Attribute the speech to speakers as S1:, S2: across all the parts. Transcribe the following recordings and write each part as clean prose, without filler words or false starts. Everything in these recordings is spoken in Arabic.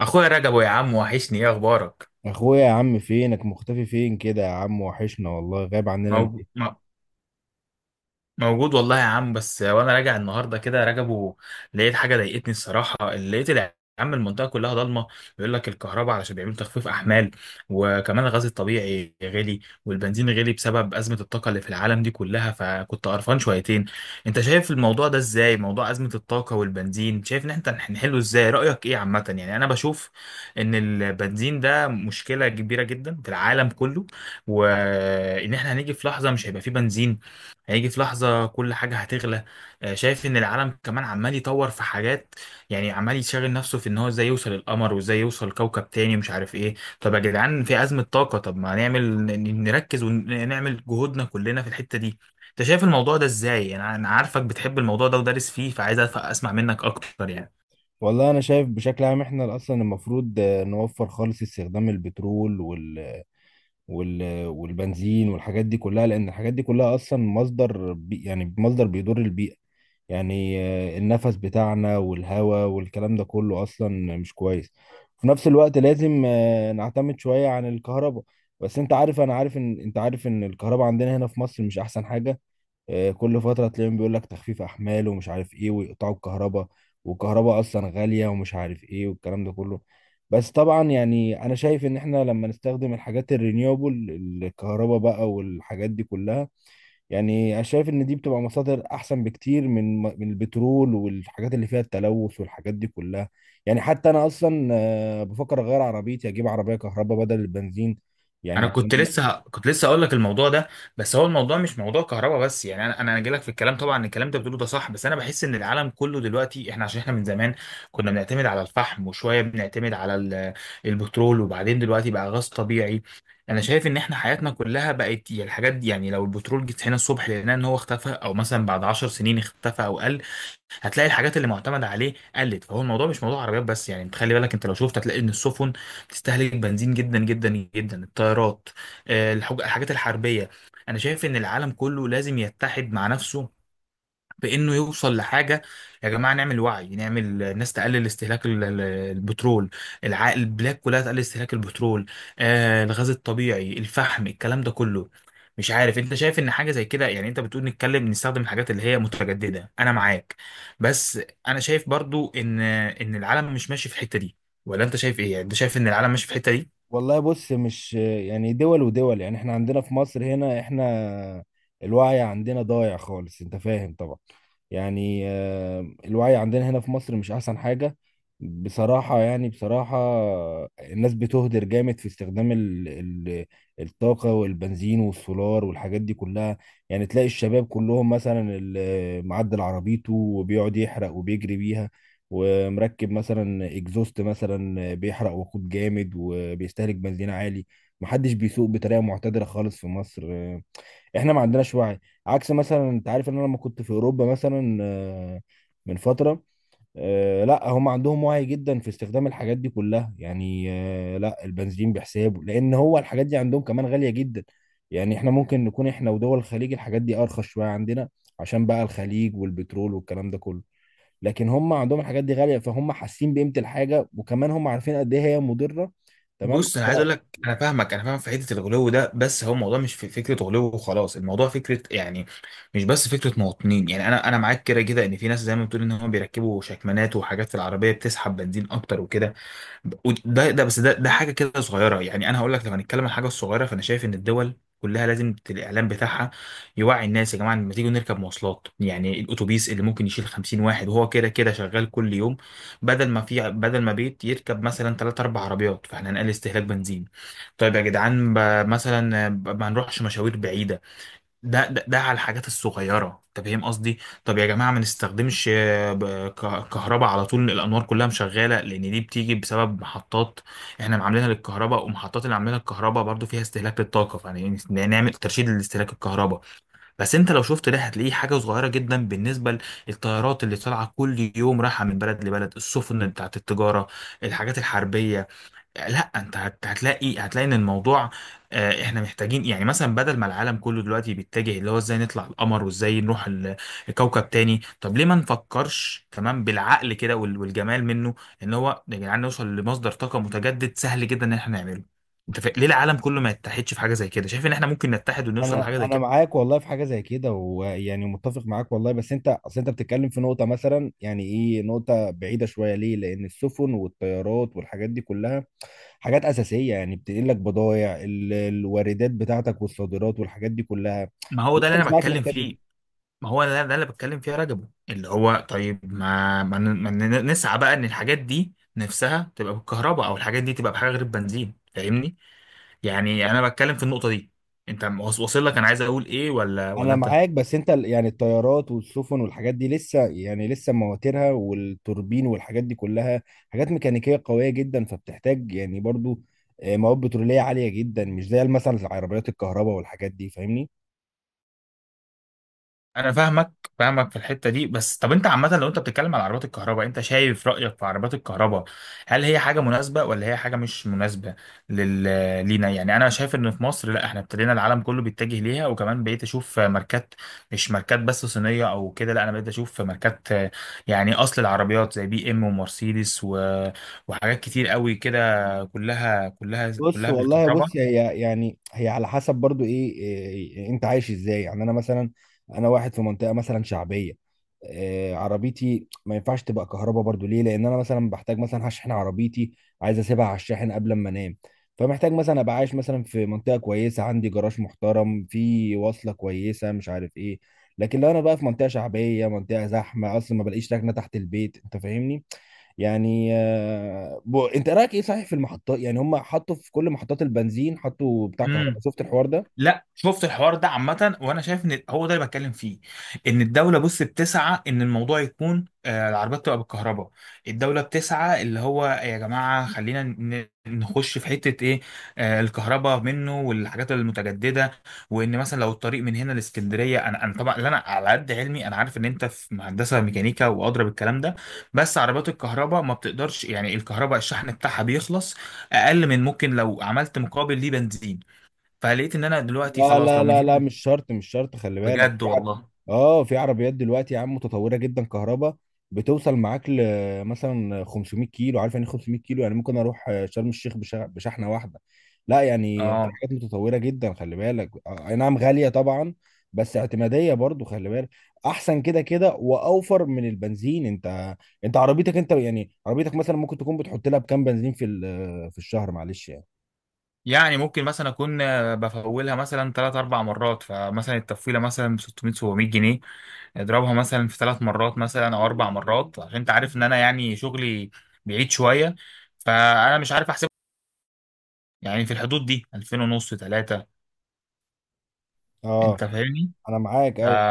S1: اخويا رجبو يا عم، وحشني. ايه اخبارك؟
S2: اخويا يا عم فينك مختفي فين كده يا عم وحشنا والله، غايب عننا ليه؟
S1: موجود, موجود والله يا عم. بس وانا راجع النهارده كده راجبه لقيت حاجه ضايقتني الصراحه. لقيت يا عم المنطقه كلها ضلمه، بيقول لك الكهرباء علشان بيعملوا تخفيف احمال، وكمان الغاز الطبيعي غالي والبنزين غالي بسبب ازمه الطاقه اللي في العالم دي كلها، فكنت قرفان شويتين. انت شايف الموضوع ده ازاي؟ موضوع ازمه الطاقه والبنزين، شايف ان احنا هنحله ازاي؟ رايك ايه؟ عامه يعني انا بشوف ان البنزين ده مشكله كبيره جدا في العالم كله، وان احنا هنيجي في لحظه مش هيبقى فيه بنزين. هيجي في لحظة كل حاجة هتغلى. آه، شايف ان العالم كمان عمال يطور في حاجات، يعني عمال يشغل نفسه في ان هو ازاي يوصل القمر وازاي يوصل كوكب تاني مش عارف ايه. طب يا جدعان في أزمة طاقة، طب ما نعمل نركز ونعمل جهودنا كلنا في الحتة دي. انت شايف الموضوع ده ازاي؟ أنا عارفك بتحب الموضوع ده ودارس فيه، فعايز اسمع منك اكتر يعني.
S2: والله انا شايف بشكل عام احنا اصلا المفروض نوفر خالص استخدام البترول والبنزين والحاجات دي كلها، لان الحاجات دي كلها اصلا مصدر بيضر البيئة. يعني النفس بتاعنا والهواء والكلام ده كله اصلا مش كويس. في نفس الوقت لازم نعتمد شوية عن الكهرباء. بس انت عارف، انا عارف ان انت عارف ان الكهرباء عندنا هنا في مصر مش احسن حاجة. كل فترة تلاقيهم بيقول لك تخفيف أحمال ومش عارف إيه، ويقطعوا الكهرباء. والكهرباء أصلا غالية ومش عارف إيه والكلام ده كله. بس طبعا يعني أنا شايف إن إحنا لما نستخدم الحاجات الرينيوبل، الكهرباء بقى والحاجات دي كلها، يعني أنا شايف إن دي بتبقى مصادر أحسن بكتير من البترول والحاجات اللي فيها التلوث والحاجات دي كلها. يعني حتى أنا أصلا بفكر أغير عربيتي، أجيب عربية كهرباء بدل البنزين، يعني
S1: انا كنت
S2: عشان.
S1: لسه ه- كنت لسه اقول لك الموضوع ده. بس هو الموضوع مش موضوع كهرباء بس، يعني انا جاي لك في الكلام. طبعا الكلام انت بتقوله ده صح، بس انا بحس ان العالم كله دلوقتي احنا عشان احنا من زمان كنا بنعتمد على الفحم وشويه بنعتمد على البترول، وبعدين دلوقتي بقى غاز طبيعي. انا شايف ان احنا حياتنا كلها بقت يعني الحاجات دي، يعني لو البترول جيت هنا الصبح لقينا ان هو اختفى، او مثلا بعد 10 سنين اختفى او قل، هتلاقي الحاجات اللي معتمد عليه قلت. فهو الموضوع مش موضوع عربيات بس يعني. انت خلي بالك، انت لو شفت هتلاقي ان السفن بتستهلك بنزين جدا جدا جدا، الطيارات، آه، الحاجات الحربيه. انا شايف ان العالم كله لازم يتحد مع نفسه بانه يوصل لحاجه. يا جماعه نعمل وعي، نعمل الناس تقلل استهلاك البترول، البلاد كلها تقلل استهلاك البترول، آه الغاز الطبيعي، الفحم، الكلام ده كله. مش عارف انت شايف ان حاجه زي كده؟ يعني انت بتقول نتكلم نستخدم الحاجات اللي هي متجدده، انا معاك، بس انا شايف برضو ان العالم مش ماشي في الحته دي، ولا انت شايف ايه؟ يعني انت شايف ان العالم ماشي في الحته دي؟
S2: والله بص، مش يعني دول ودول، يعني احنا عندنا في مصر هنا، احنا الوعي عندنا ضايع خالص، انت فاهم طبعا. يعني الوعي عندنا هنا في مصر مش احسن حاجة بصراحة، يعني بصراحة. الناس بتهدر جامد في استخدام ال الطاقة والبنزين والسولار والحاجات دي كلها. يعني تلاقي الشباب كلهم مثلا اللي معدل عربيته وبيقعد يحرق وبيجري بيها، ومركب مثلا اكزوست مثلا بيحرق وقود جامد وبيستهلك بنزين عالي. محدش بيسوق بطريقه معتدله خالص في مصر. احنا ما عندناش وعي. عكس مثلا، انت عارف ان انا لما كنت في اوروبا مثلا من فتره، لا هم عندهم وعي جدا في استخدام الحاجات دي كلها. يعني لا، البنزين بحسابه، لان هو الحاجات دي عندهم كمان غاليه جدا. يعني احنا ممكن نكون احنا ودول الخليج الحاجات دي ارخص شويه عندنا، عشان بقى الخليج والبترول والكلام ده كله. لكن هم عندهم الحاجات دي غاليه، فهم حاسين بقيمه الحاجه، وكمان هم عارفين قد ايه هي مضره. تمام.
S1: بص انا عايز اقول لك، انا فاهمك، انا فاهم في حته الغلو ده. بس هو الموضوع مش في فكره غلو وخلاص، الموضوع فكره يعني مش بس فكره مواطنين. يعني انا معاك كده كده ان في ناس زي ما بتقول ان هم بيركبوا شكمانات وحاجات في العربيه بتسحب بنزين اكتر وكده، وده ده بس ده ده حاجه كده صغيره يعني. انا هقول لك، لو هنتكلم عن حاجه صغيره فانا شايف ان الدول كلها لازم الاعلام بتاعها يوعي الناس. يا جماعه لما تيجوا نركب مواصلات، يعني الاتوبيس اللي ممكن يشيل 50 واحد وهو كده كده شغال كل يوم، بدل ما بيت يركب مثلا 3 4 عربيات، فاحنا هنقلل استهلاك بنزين. طيب يا جدعان، ما نروحش مشاوير بعيده. ده على الحاجات الصغيرة، انت فاهم قصدي. طب يا جماعة ما نستخدمش كهرباء على طول، الأنوار كلها مشغالة. لأن دي بتيجي بسبب محطات احنا معاملينها للكهرباء، ومحطات اللي عاملينها للكهرباء برضو فيها استهلاك للطاقة، فيعني نعمل ترشيد لاستهلاك الكهرباء. بس انت لو شفت ده هتلاقيه حاجة صغيرة جدا بالنسبة للطيارات اللي طالعة كل يوم رايحة من بلد لبلد، السفن بتاعت التجارة، الحاجات الحربية. لا انت هتلاقي هتلاقي ان الموضوع، آه، احنا محتاجين يعني، مثلا بدل ما العالم كله دلوقتي بيتجه اللي هو ازاي نطلع القمر وازاي نروح الكوكب تاني، طب ليه ما نفكرش تمام بالعقل كده؟ والجمال منه ان هو يا جدعان نوصل لمصدر طاقة متجدد سهل جدا ان احنا نعمله. انت ليه العالم كله ما يتحدش في حاجة زي كده؟ شايف ان احنا ممكن نتحد ونوصل
S2: فانا
S1: لحاجة زي كده؟
S2: معاك والله في حاجه زي كده، ويعني متفق معاك والله. بس انت اصل انت بتتكلم في نقطه مثلا، يعني ايه، نقطه بعيده شويه، ليه؟ لان السفن والطيارات والحاجات دي كلها حاجات اساسيه، يعني بتنقل لك بضائع ال- الواردات بتاعتك والصادرات والحاجات دي كلها.
S1: ما هو ده
S2: انت
S1: اللي
S2: مش
S1: انا
S2: معايا في
S1: بتكلم
S2: الحته دي.
S1: فيه. ما هو ده اللي بتكلم فيها رجبه، اللي هو طيب ما ما, ن- ما ن- نسعى بقى ان الحاجات دي نفسها تبقى بالكهرباء، او الحاجات دي تبقى بحاجه غير البنزين. فاهمني؟ يعني انا بتكلم في النقطه دي. انت واصل لك انا عايز اقول ايه ولا
S2: انا
S1: انت؟
S2: معاك، بس انت ال- يعني الطيارات والسفن والحاجات دي لسه، يعني لسه مواترها والتوربين والحاجات دي كلها حاجات ميكانيكيه قويه جدا، فبتحتاج يعني برضو مواد بتروليه عاليه جدا، مش زي مثلا العربيات الكهرباء والحاجات دي، فاهمني.
S1: انا فاهمك، فاهمك في الحته دي. بس طب انت عامه لو انت بتتكلم على عربات الكهرباء، انت شايف رايك في عربات الكهرباء؟ هل هي حاجه مناسبه، ولا هي حاجه مش مناسبه لل... لينا يعني؟ انا شايف ان في مصر، لا احنا ابتدينا، العالم كله بيتجه ليها، وكمان بقيت اشوف ماركات، مش ماركات بس صينيه او كده، لا انا بقيت اشوف ماركات يعني اصل، العربيات زي بي ام ومرسيدس وحاجات كتير قوي كده، كلها كلها
S2: بص
S1: كلها
S2: والله،
S1: بالكهرباء.
S2: بص، هي يعني هي على حسب برضو ايه, إيه إيه، انت عايش ازاي. يعني انا مثلا، انا واحد في منطقه مثلا شعبيه، إيه، عربيتي ما ينفعش تبقى كهرباء برضو، ليه؟ لان انا مثلا بحتاج، مثلا هشحن عربيتي، عايز اسيبها على الشاحن قبل ما انام. فمحتاج مثلا ابقى عايش مثلا في منطقه كويسه، عندي جراج محترم، في واصله كويسه، مش عارف ايه. لكن لو انا بقى في منطقه شعبيه، منطقه زحمه، اصلا ما بلاقيش ركنه تحت البيت، انت فاهمني. يعني انت رايك ايه صحيح في المحطات؟ يعني هم حطوا في كل محطات البنزين حطوا بتاع كهرباء،
S1: امم.
S2: شفت الحوار ده؟
S1: لا شفت الحوار ده عامة، وانا شايف ان هو ده اللي بتكلم فيه، ان الدولة، بص، بتسعى ان الموضوع يكون، آه، العربيات تبقى بالكهرباء. الدولة بتسعى اللي هو يا جماعة خلينا نخش في حتة ايه، آه، الكهرباء منه والحاجات المتجددة. وان مثلا لو الطريق من هنا لاسكندرية، انا طبعا، لا انا على قد علمي انا عارف ان انت في مهندسة ميكانيكا وادرى بالكلام ده، بس عربيات الكهرباء ما بتقدرش، يعني الكهرباء الشحن بتاعها بيخلص اقل من ممكن لو عملت مقابل ليه بنزين. فلقيت ان انا دلوقتي
S2: لا
S1: خلاص، لو
S2: لا
S1: من
S2: لا لا
S1: هنا،
S2: مش شرط، مش شرط. خلي بالك،
S1: بجد
S2: في عر...
S1: والله.
S2: اه في عربيات دلوقتي يا عم متطوره جدا كهرباء، بتوصل معاك ل مثلا 500 كيلو، عارف يعني إيه 500 كيلو؟ يعني ممكن اروح شرم الشيخ بشحنه واحده. لا يعني في
S1: اه،
S2: حاجات متطوره جدا، خلي بالك، اي نعم غاليه طبعا، بس اعتماديه برضو، خلي بالك احسن كده كده، واوفر من البنزين. انت عربيتك، انت يعني عربيتك مثلا ممكن تكون بتحط لها بكام بنزين في ال- في الشهر؟ معلش يعني.
S1: يعني ممكن مثلا اكون، آه، بفولها مثلا ثلاث اربع مرات، فمثلا التفويله مثلا ب 600 700 جنيه. اضربها مثلا في ثلاث مرات مثلا او اربع مرات، عشان انت عارف ان انا يعني شغلي بعيد شويه. فانا مش عارف احسب يعني، في الحدود دي 2000 ونص 3.
S2: اه
S1: انت فاهمني؟
S2: انا معاك
S1: ف...
S2: ايوه.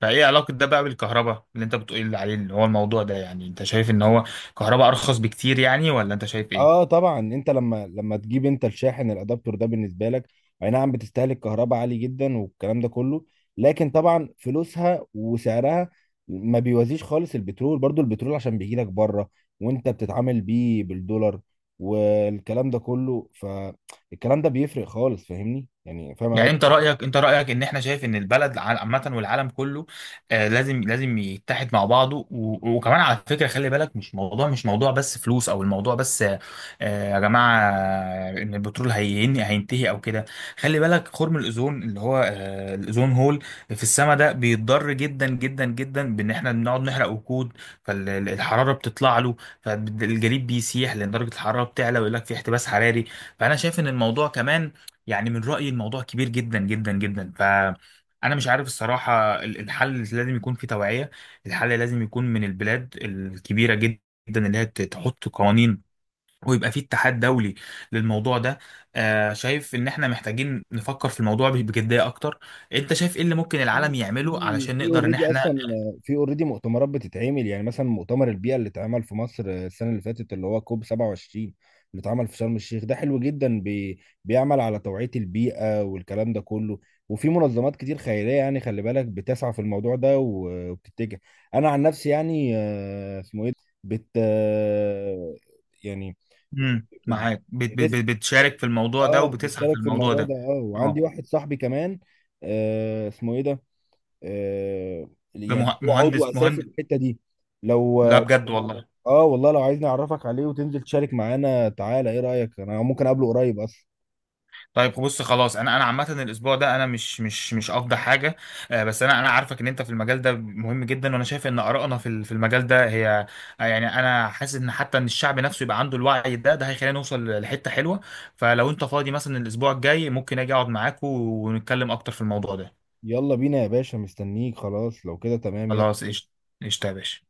S1: فايه علاقه ده بقى بالكهرباء اللي انت بتقول عليه؟ اللي هو الموضوع ده يعني، انت شايف ان هو كهرباء ارخص بكتير يعني، ولا انت شايف
S2: اه
S1: ايه؟
S2: طبعا انت لما تجيب انت الشاحن الادابتور ده بالنسبه لك، اي نعم بتستهلك كهرباء عالي جدا والكلام ده كله، لكن طبعا فلوسها وسعرها ما بيوازيش خالص البترول. برضو البترول عشان بيجي لك بره، وانت بتتعامل بيه بالدولار والكلام ده كله، فالكلام ده بيفرق خالص، فاهمني يعني، فاهم.
S1: يعني انت رايك، انت رايك ان احنا، شايف ان البلد عامه والعالم كله، آه، لازم يتحد مع بعضه، وكمان على فكره خلي بالك مش موضوع، مش موضوع بس فلوس، او الموضوع بس آه، يا جماعه، آه، ان البترول هين هينتهي او كده. خلي بالك خرم الاوزون، اللي هو آه الاوزون هول في السماء، ده بيتضر جدا جدا جدا بان احنا بنقعد نحرق وقود، فالحراره بتطلع له، فالجليد بيسيح لان درجه الحراره بتعلى، ويقول لك في احتباس حراري. فانا شايف ان الموضوع كمان، يعني من رأيي الموضوع كبير جدا جدا جدا. فأنا مش عارف الصراحة، الحل لازم يكون في توعية. الحل لازم يكون من البلاد الكبيرة جدا، اللي هي تحط قوانين، ويبقى في اتحاد دولي للموضوع ده. آه، شايف ان احنا محتاجين نفكر في الموضوع بجدية اكتر. انت شايف ايه اللي ممكن العالم
S2: في
S1: يعمله
S2: في
S1: علشان
S2: في
S1: نقدر ان
S2: اوريدي
S1: احنا؟
S2: اصلا، في اوريدي مؤتمرات بتتعمل، يعني مثلا مؤتمر البيئه اللي اتعمل في مصر السنه اللي فاتت، اللي هو كوب 27، اللي اتعمل في شرم الشيخ ده، حلو جدا، بيعمل على توعيه البيئه والكلام ده كله. وفي منظمات كتير خيريه يعني، خلي بالك، بتسعى في الموضوع ده و- وبتتجه. انا عن نفسي يعني اسمه ايه، بت آه، يعني بت
S1: معاك،
S2: بتس-
S1: بتشارك في الموضوع ده
S2: اه
S1: وبتسعى في
S2: بتشارك في
S1: الموضوع
S2: الموضوع ده.
S1: ده.
S2: اه وعندي
S1: اه،
S2: واحد صاحبي كمان اسمه ايه ده، يعني هو عضو اساسي
S1: مهندس
S2: في الحته دي. لو
S1: لا
S2: اه،
S1: بجد والله.
S2: والله لو عايزني اعرفك عليه وتنزل تشارك معانا، تعالى، ايه رايك؟ انا ممكن اقابله قريب اصلا.
S1: طيب بص خلاص، انا انا عامه الاسبوع ده انا مش افضل حاجه، آه، بس انا عارفك ان انت في المجال ده مهم جدا، وانا شايف ان ارائنا في في المجال ده هي، آه، يعني انا حاسس ان حتى ان الشعب نفسه يبقى عنده الوعي ده هيخلينا نوصل لحته حلوه. فلو انت فاضي مثلا الاسبوع الجاي، ممكن اجي اقعد معاك ونتكلم اكتر في الموضوع ده.
S2: يلا بينا يا باشا، مستنيك. خلاص لو كده تمام، يلا.
S1: خلاص قشطه. قشطه يا باشا.